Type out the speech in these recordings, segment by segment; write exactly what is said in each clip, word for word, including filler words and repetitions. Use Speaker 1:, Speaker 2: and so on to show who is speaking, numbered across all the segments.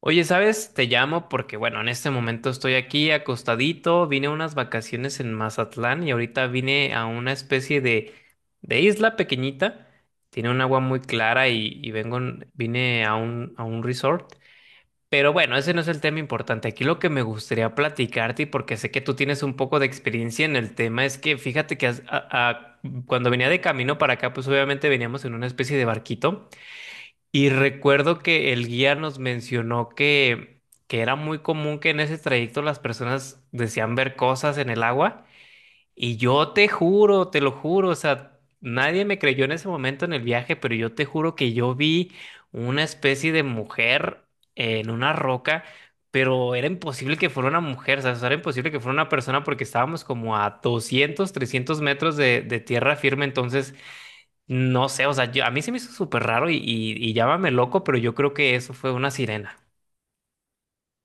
Speaker 1: Oye, ¿sabes? Te llamo porque, bueno, en este momento estoy aquí acostadito, vine a unas vacaciones en Mazatlán y ahorita vine a una especie de, de isla pequeñita, tiene un agua muy clara y, y vengo, en- vine a un, a un resort. Pero bueno, ese no es el tema importante. Aquí lo que me gustaría platicarte, y porque sé que tú tienes un poco de experiencia en el tema, es que fíjate que has- a- a- cuando venía de camino para acá, pues obviamente veníamos en una especie de barquito. Y recuerdo que el guía nos mencionó que, que era muy común que en ese trayecto las personas decían ver cosas en el agua. Y yo te juro, te lo juro, o sea, nadie me creyó en ese momento en el viaje, pero yo te juro que yo vi una especie de mujer en una roca, pero era imposible que fuera una mujer, o sea, era imposible que fuera una persona porque estábamos como a doscientos trescientos metros de, de tierra firme, entonces... No sé, o sea, yo- a mí se me hizo súper raro y, y, y llámame loco, pero yo creo que eso fue una sirena.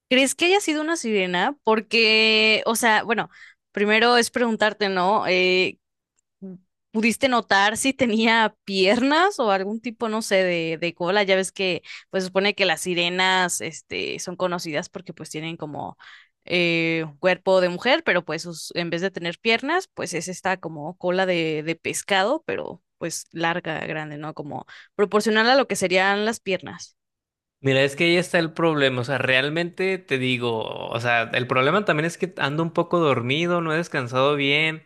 Speaker 2: ¿Crees que haya sido una sirena? Porque, o sea, bueno, primero es preguntarte, ¿no? Eh, ¿pudiste notar si tenía piernas o algún tipo, no sé, de, de cola? Ya ves que, pues, supone que las sirenas, este, son conocidas porque, pues, tienen como eh, un cuerpo de mujer, pero, pues, sus- en vez de tener piernas, pues, es esta como cola de, de pescado, pero, pues, larga, grande, ¿no? Como proporcional a lo que serían las piernas.
Speaker 1: Mira, es que ahí está el problema, o sea, realmente te digo, o sea, el problema también es que ando un poco dormido, no he descansado bien,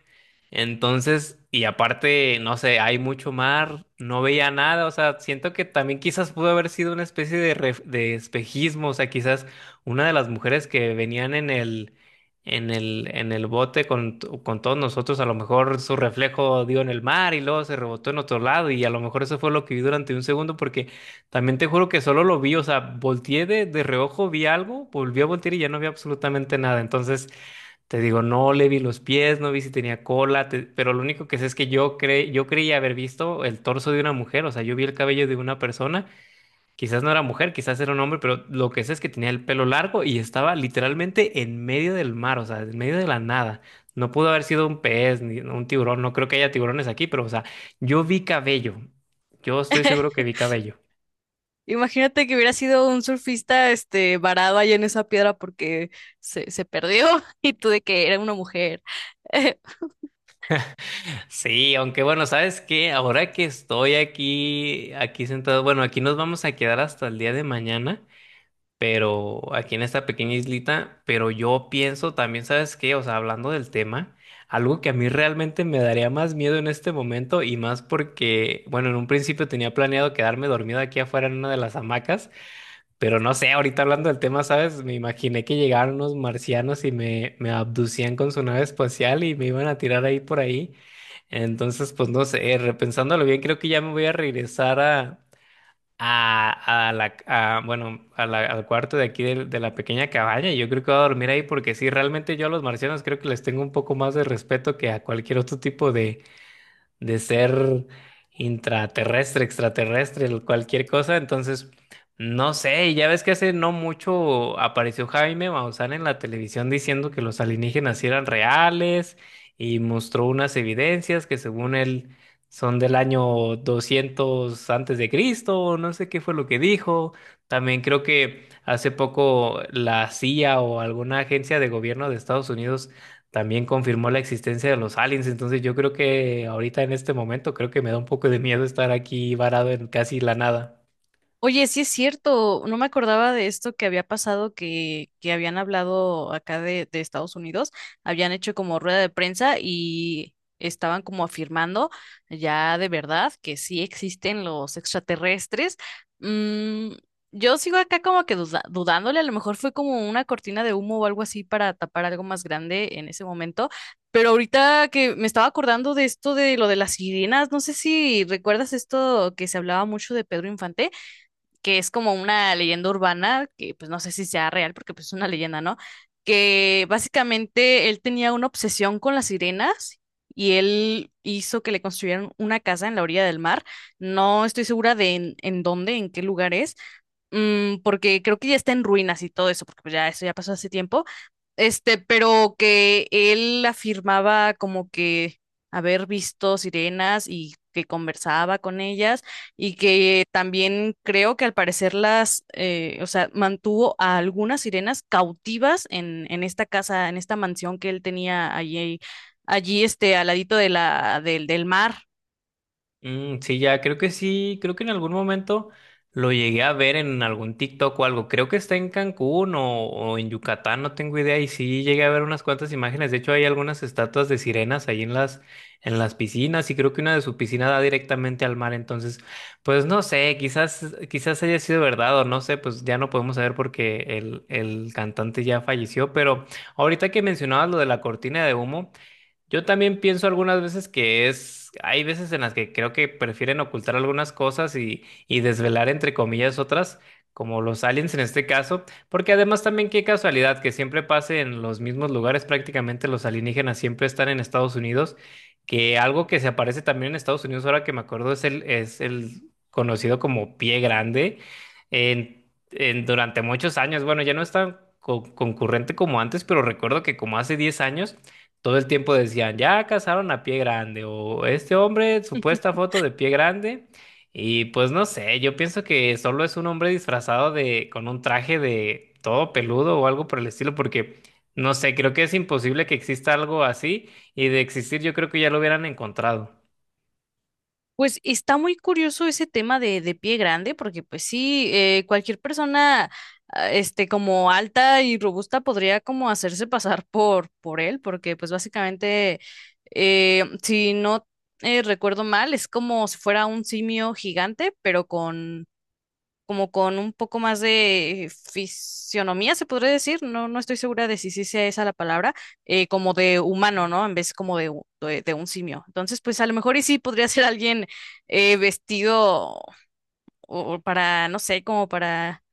Speaker 1: entonces, y aparte, no sé, hay mucho mar, no veía nada, o sea, siento que también quizás pudo haber sido una especie de, ref- de espejismo, o sea, quizás una de las mujeres que venían en el, en el, en el bote con, t- con todos nosotros, a lo mejor su reflejo dio en el mar y luego se rebotó en otro lado y a lo mejor eso fue lo que vi durante un segundo porque... También te juro que solo lo vi, o sea, volteé de, de reojo, vi algo, volví a voltear y ya no vi absolutamente nada. Entonces, te digo, no le vi los pies, no vi si tenía cola, te- pero lo único que sé es que yo cre, yo creía haber visto el torso de una mujer, o sea, yo vi el cabello de una persona, quizás no era mujer, quizás era un hombre, pero lo que sé es que tenía el pelo largo y estaba literalmente en medio del mar, o sea, en medio de la nada. No pudo haber sido un pez ni un tiburón, no creo que haya tiburones aquí, pero, o sea, yo vi cabello. Yo estoy seguro que vi cabello.
Speaker 2: Imagínate que hubiera sido un surfista, este, varado ahí en esa piedra porque se, se perdió y tú de que era una mujer.
Speaker 1: Sí, aunque bueno, ¿sabes qué? Ahora que estoy aquí, aquí sentado, bueno, aquí nos vamos a quedar hasta el día de mañana, pero aquí en esta pequeña islita, pero yo pienso también, ¿sabes qué? O sea, hablando del tema, algo que a mí realmente me daría más miedo en este momento y más porque, bueno, en un principio tenía planeado quedarme dormido aquí afuera en una de las hamacas, pero no sé, ahorita hablando del tema, ¿sabes? Me imaginé que llegaron unos marcianos y me, me abducían con su nave espacial y me iban a tirar ahí por ahí. Entonces, pues no sé, repensándolo bien, creo que ya me voy a regresar a, a, a la, a, bueno, a la- al cuarto de aquí del- de, la pequeña cabaña. y Yo creo que voy a dormir ahí porque sí, realmente yo a los marcianos creo que les tengo un poco más de respeto que a cualquier otro tipo de, de ser intraterrestre, extraterrestre, cualquier cosa. Entonces, no sé, ya ves que hace no mucho apareció Jaime Maussan en la televisión diciendo que los alienígenas sí eran reales y mostró unas evidencias que según él son del año doscientos antes de Cristo, o no sé qué fue lo que dijo. También creo que hace poco la C I A o alguna agencia de gobierno de Estados Unidos también confirmó la existencia de los aliens. Entonces yo creo que ahorita en este momento creo que me da un poco de miedo estar aquí varado en casi la nada.
Speaker 2: Oye, sí es cierto, no me acordaba de esto que había pasado, que, que habían hablado acá de, de Estados Unidos, habían hecho como rueda de prensa y estaban como afirmando ya de verdad que sí existen los extraterrestres. Mm, yo sigo acá como que duda- dudándole, a lo mejor fue como una cortina de humo o algo así para tapar algo más grande en ese momento, pero ahorita que me estaba acordando de esto de lo de las sirenas, no sé si recuerdas esto que se hablaba mucho de Pedro Infante, que es como una leyenda urbana, que pues no sé si sea real porque pues es una leyenda, ¿no? Que básicamente él tenía una obsesión con las sirenas y él hizo que le construyeran una casa en la orilla del mar. No estoy segura de en, en dónde, en qué lugar es, mm, porque creo que ya está en ruinas y todo eso, porque pues ya eso ya pasó hace tiempo este, pero que él afirmaba como que haber visto sirenas y que conversaba con ellas y que también creo que al parecer las, eh, o sea, mantuvo a algunas sirenas cautivas en, en esta casa, en esta mansión que él tenía allí, allí este, al ladito de la, del, del mar.
Speaker 1: Mm, sí, ya, creo que sí, creo que en algún momento lo llegué a ver en algún TikTok o algo. Creo que está en Cancún o, o en Yucatán, no tengo idea. Y sí, llegué a ver unas cuantas imágenes. De hecho, hay algunas estatuas de sirenas ahí en las, en las piscinas y creo que una de sus piscinas da directamente al mar. Entonces, pues no sé, quizás, quizás haya sido verdad o no sé, pues ya no podemos saber porque el, el cantante ya falleció. Pero ahorita que mencionabas lo de la cortina de humo. Yo también pienso algunas veces que es, hay veces en las que creo que prefieren ocultar algunas cosas y, y desvelar entre comillas otras, como los aliens en este caso, porque además también qué casualidad que siempre pase en los mismos lugares, prácticamente los alienígenas siempre están en Estados Unidos, que algo que se aparece también en Estados Unidos, ahora que me acuerdo, es el, es el conocido como pie grande, en- en- durante muchos años, bueno, ya no es tan co- concurrente como antes, pero recuerdo que como hace diez años, todo el tiempo decían, ya cazaron a pie grande o este hombre, supuesta foto de pie grande. Y pues no sé, yo pienso que solo es un hombre disfrazado de, con un traje de todo peludo o algo por el estilo, porque no sé, creo que es imposible que exista algo así y de existir yo creo que ya lo hubieran encontrado.
Speaker 2: Pues está muy curioso ese tema de, de pie grande, porque pues sí, eh, cualquier persona, ah, este, como alta y robusta podría como hacerse pasar por, por él, porque pues básicamente, eh, si no eh, recuerdo mal, es como si fuera un simio gigante, pero con como con un poco más de fisionomía, se podría decir, no, no estoy segura de si sí sea esa la palabra, eh, como de humano, ¿no? En vez como de, u- de, de un simio. Entonces, pues a lo mejor y sí podría ser alguien eh, vestido o para, no sé, como para,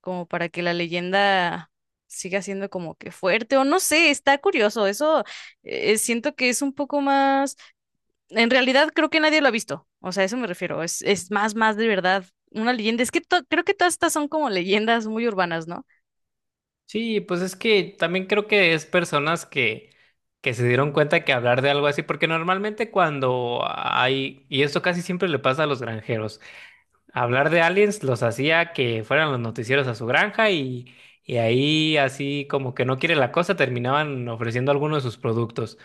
Speaker 2: como para que la leyenda siga siendo como que fuerte, o no sé, está curioso, eso eh, siento que es un poco más en realidad creo que nadie lo ha visto. O sea, a eso me refiero. Es, es más, más de verdad una leyenda. Es que to- creo que todas estas son como leyendas muy urbanas, ¿no?
Speaker 1: Sí, pues es que también creo que es personas que, que se dieron cuenta que hablar de algo así, porque normalmente cuando hay, y esto casi siempre le pasa a los granjeros, hablar de aliens los hacía que fueran los noticieros a su granja y, y ahí así como que no quiere la cosa terminaban ofreciendo algunos de sus productos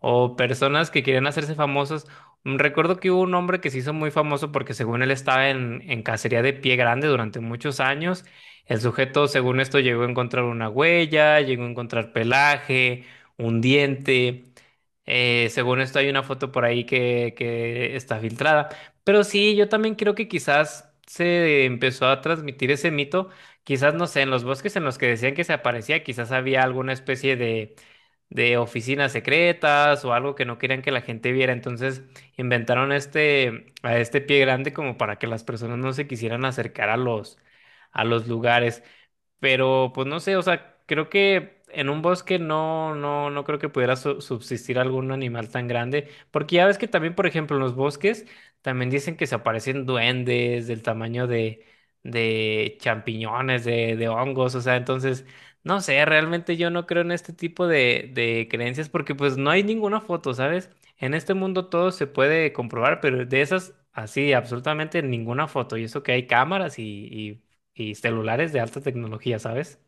Speaker 1: o personas que querían hacerse famosas. Mm, recuerdo que hubo un hombre que se hizo muy famoso porque según él estaba en, en cacería de pie grande durante muchos años. El sujeto según esto llegó a encontrar una huella, llegó a encontrar pelaje, un diente. Eh, según esto hay una foto por ahí que, que está filtrada. Pero sí, yo también creo que quizás se empezó a transmitir ese mito, quizás no sé, en los bosques en los que decían que se aparecía, quizás había alguna especie de, de oficinas secretas o algo que no querían que la gente viera, entonces inventaron este, a este pie grande como para que las personas no se quisieran acercar a los, a los lugares. Pero pues no sé, o sea, creo que en un bosque no, no, no creo que pudiera su- subsistir algún animal tan grande. Porque ya ves que también, por ejemplo, en los bosques también dicen que se aparecen duendes del tamaño de, de champiñones, de, de hongos. O sea, entonces, no sé, realmente yo no creo en este tipo de, de creencias porque pues no hay ninguna foto, ¿sabes? En este mundo todo se puede comprobar, pero de esas, así, absolutamente ninguna foto. Y eso que hay cámaras y y celulares de alta tecnología, ¿sabes?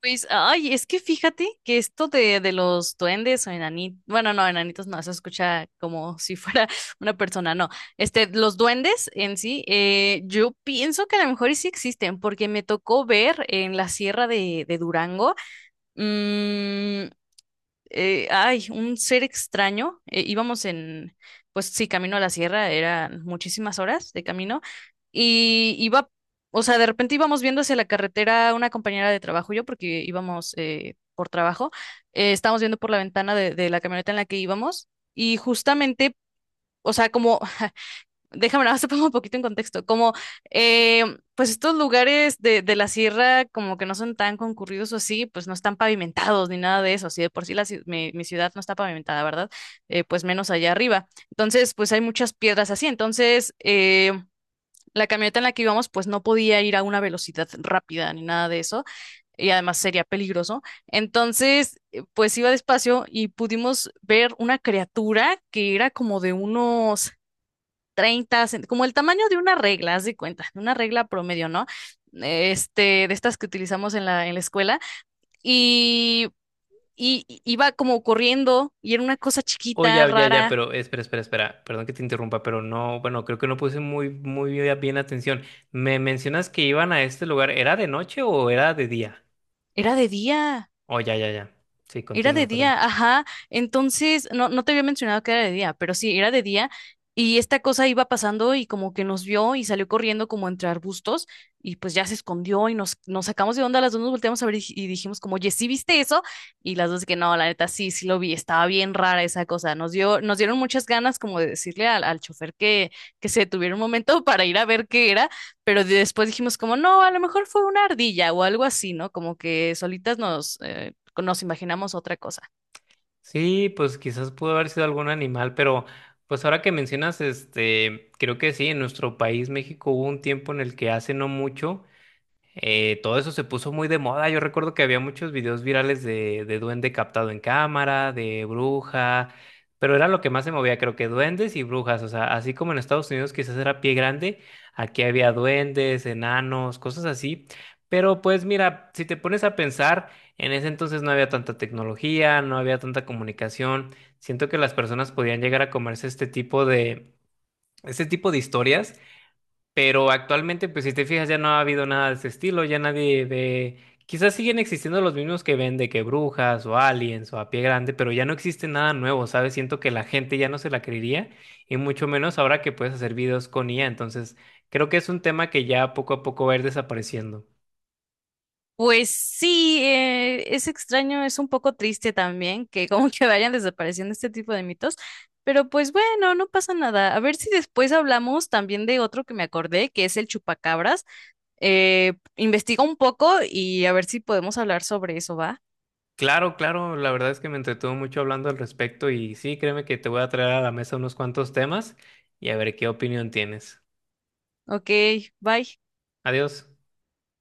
Speaker 2: Pues, ay, es que fíjate que esto de, de los duendes o enanitos, bueno, no, enanitos no, eso escucha como si fuera una persona, no. Este, los duendes en sí, eh, yo pienso que a lo mejor y sí existen, porque me tocó ver en la sierra de, de Durango, mm, eh, ay, un ser extraño. eh, íbamos en, pues sí, camino a la sierra, eran muchísimas horas de camino. Y iba, o sea, de repente íbamos viendo hacia la carretera una compañera de trabajo, y yo, porque íbamos eh, por trabajo, eh, estábamos viendo por la ventana de, de la camioneta en la que íbamos. Y justamente, o sea, como, déjame nada más te pongo un poquito en contexto. Como, eh, pues estos lugares de, de la sierra, como que no son tan concurridos o así, pues no están pavimentados ni nada de eso. Si de por sí la, ci- mi, mi ciudad no está pavimentada, ¿verdad? Eh, pues menos allá arriba. Entonces, pues hay muchas piedras así. Entonces, eh, la camioneta en la que íbamos, pues no podía ir a una velocidad rápida ni nada de eso. Y además sería peligroso. Entonces, eh, pues iba despacio y pudimos ver una criatura que era como de unos treinta cen- como el tamaño de una regla, haz de cuenta, una regla promedio, ¿no? Este, de estas que utilizamos en la, en la escuela. Y, y y iba como corriendo y era una cosa
Speaker 1: Oh,
Speaker 2: chiquita,
Speaker 1: ya, ya, ya,
Speaker 2: rara.
Speaker 1: pero espera, espera, espera. Perdón que te interrumpa, pero no, bueno, creo que no puse muy, muy bien atención. Me mencionas que iban a este lugar. ¿Era de noche o era de día?
Speaker 2: Era de día.
Speaker 1: Oh, ya, ya, ya. Sí,
Speaker 2: Era de
Speaker 1: continúa, perdón.
Speaker 2: día, ajá. Entonces, no, no te había mencionado que era de día, pero sí, era de día. Y esta cosa iba pasando y como que nos vio y salió corriendo como entre arbustos y pues ya se escondió y nos, nos sacamos de onda, las dos nos volteamos a ver y, y dijimos como, oye, ¿sí viste eso? Y las dos de que no, la neta sí, sí lo vi, estaba bien rara esa cosa. Nos dio, nos dieron muchas ganas como de decirle al, al chofer que, que se detuviera un momento para ir a ver qué era, pero después dijimos como, no, a lo mejor fue una ardilla o algo así, ¿no? Como que solitas nos, eh, nos imaginamos otra cosa.
Speaker 1: Sí, pues quizás pudo haber sido algún animal, pero pues ahora que mencionas, este, creo que sí, en nuestro país, México, hubo un tiempo en el que hace no mucho. Eh, todo eso se puso muy de moda. Yo recuerdo que había muchos videos virales de, de duende captado en cámara, de bruja, pero era lo que más se movía, creo que duendes y brujas. O sea, así como en Estados Unidos quizás era pie grande, aquí había duendes, enanos, cosas así. Pero pues mira, si te pones a pensar, en ese entonces no había tanta tecnología, no había tanta comunicación. Siento que las personas podían llegar a comerse este tipo de, este tipo de historias pero actualmente, pues si te fijas, ya no ha habido nada de ese estilo, ya nadie de... Quizás siguen existiendo los mismos que ven de que brujas o aliens o a pie grande, pero ya no existe nada nuevo, ¿sabes? Siento que la gente ya no se la creería y mucho menos ahora que puedes hacer videos con I A. Entonces, creo que es un tema que ya poco a poco va a ir desapareciendo.
Speaker 2: Pues sí, eh, es extraño, es un poco triste también que como que vayan desapareciendo este tipo de mitos, pero pues bueno, no pasa nada. A ver si después hablamos también de otro que me acordé, que es el chupacabras. Eh, investiga un poco y a ver si podemos hablar sobre eso, ¿va?
Speaker 1: Claro, claro, la verdad es que me entretuvo mucho hablando al respecto y sí, créeme que te voy a traer a la mesa unos cuantos temas y a ver qué opinión tienes.
Speaker 2: Ok, bye.
Speaker 1: Adiós.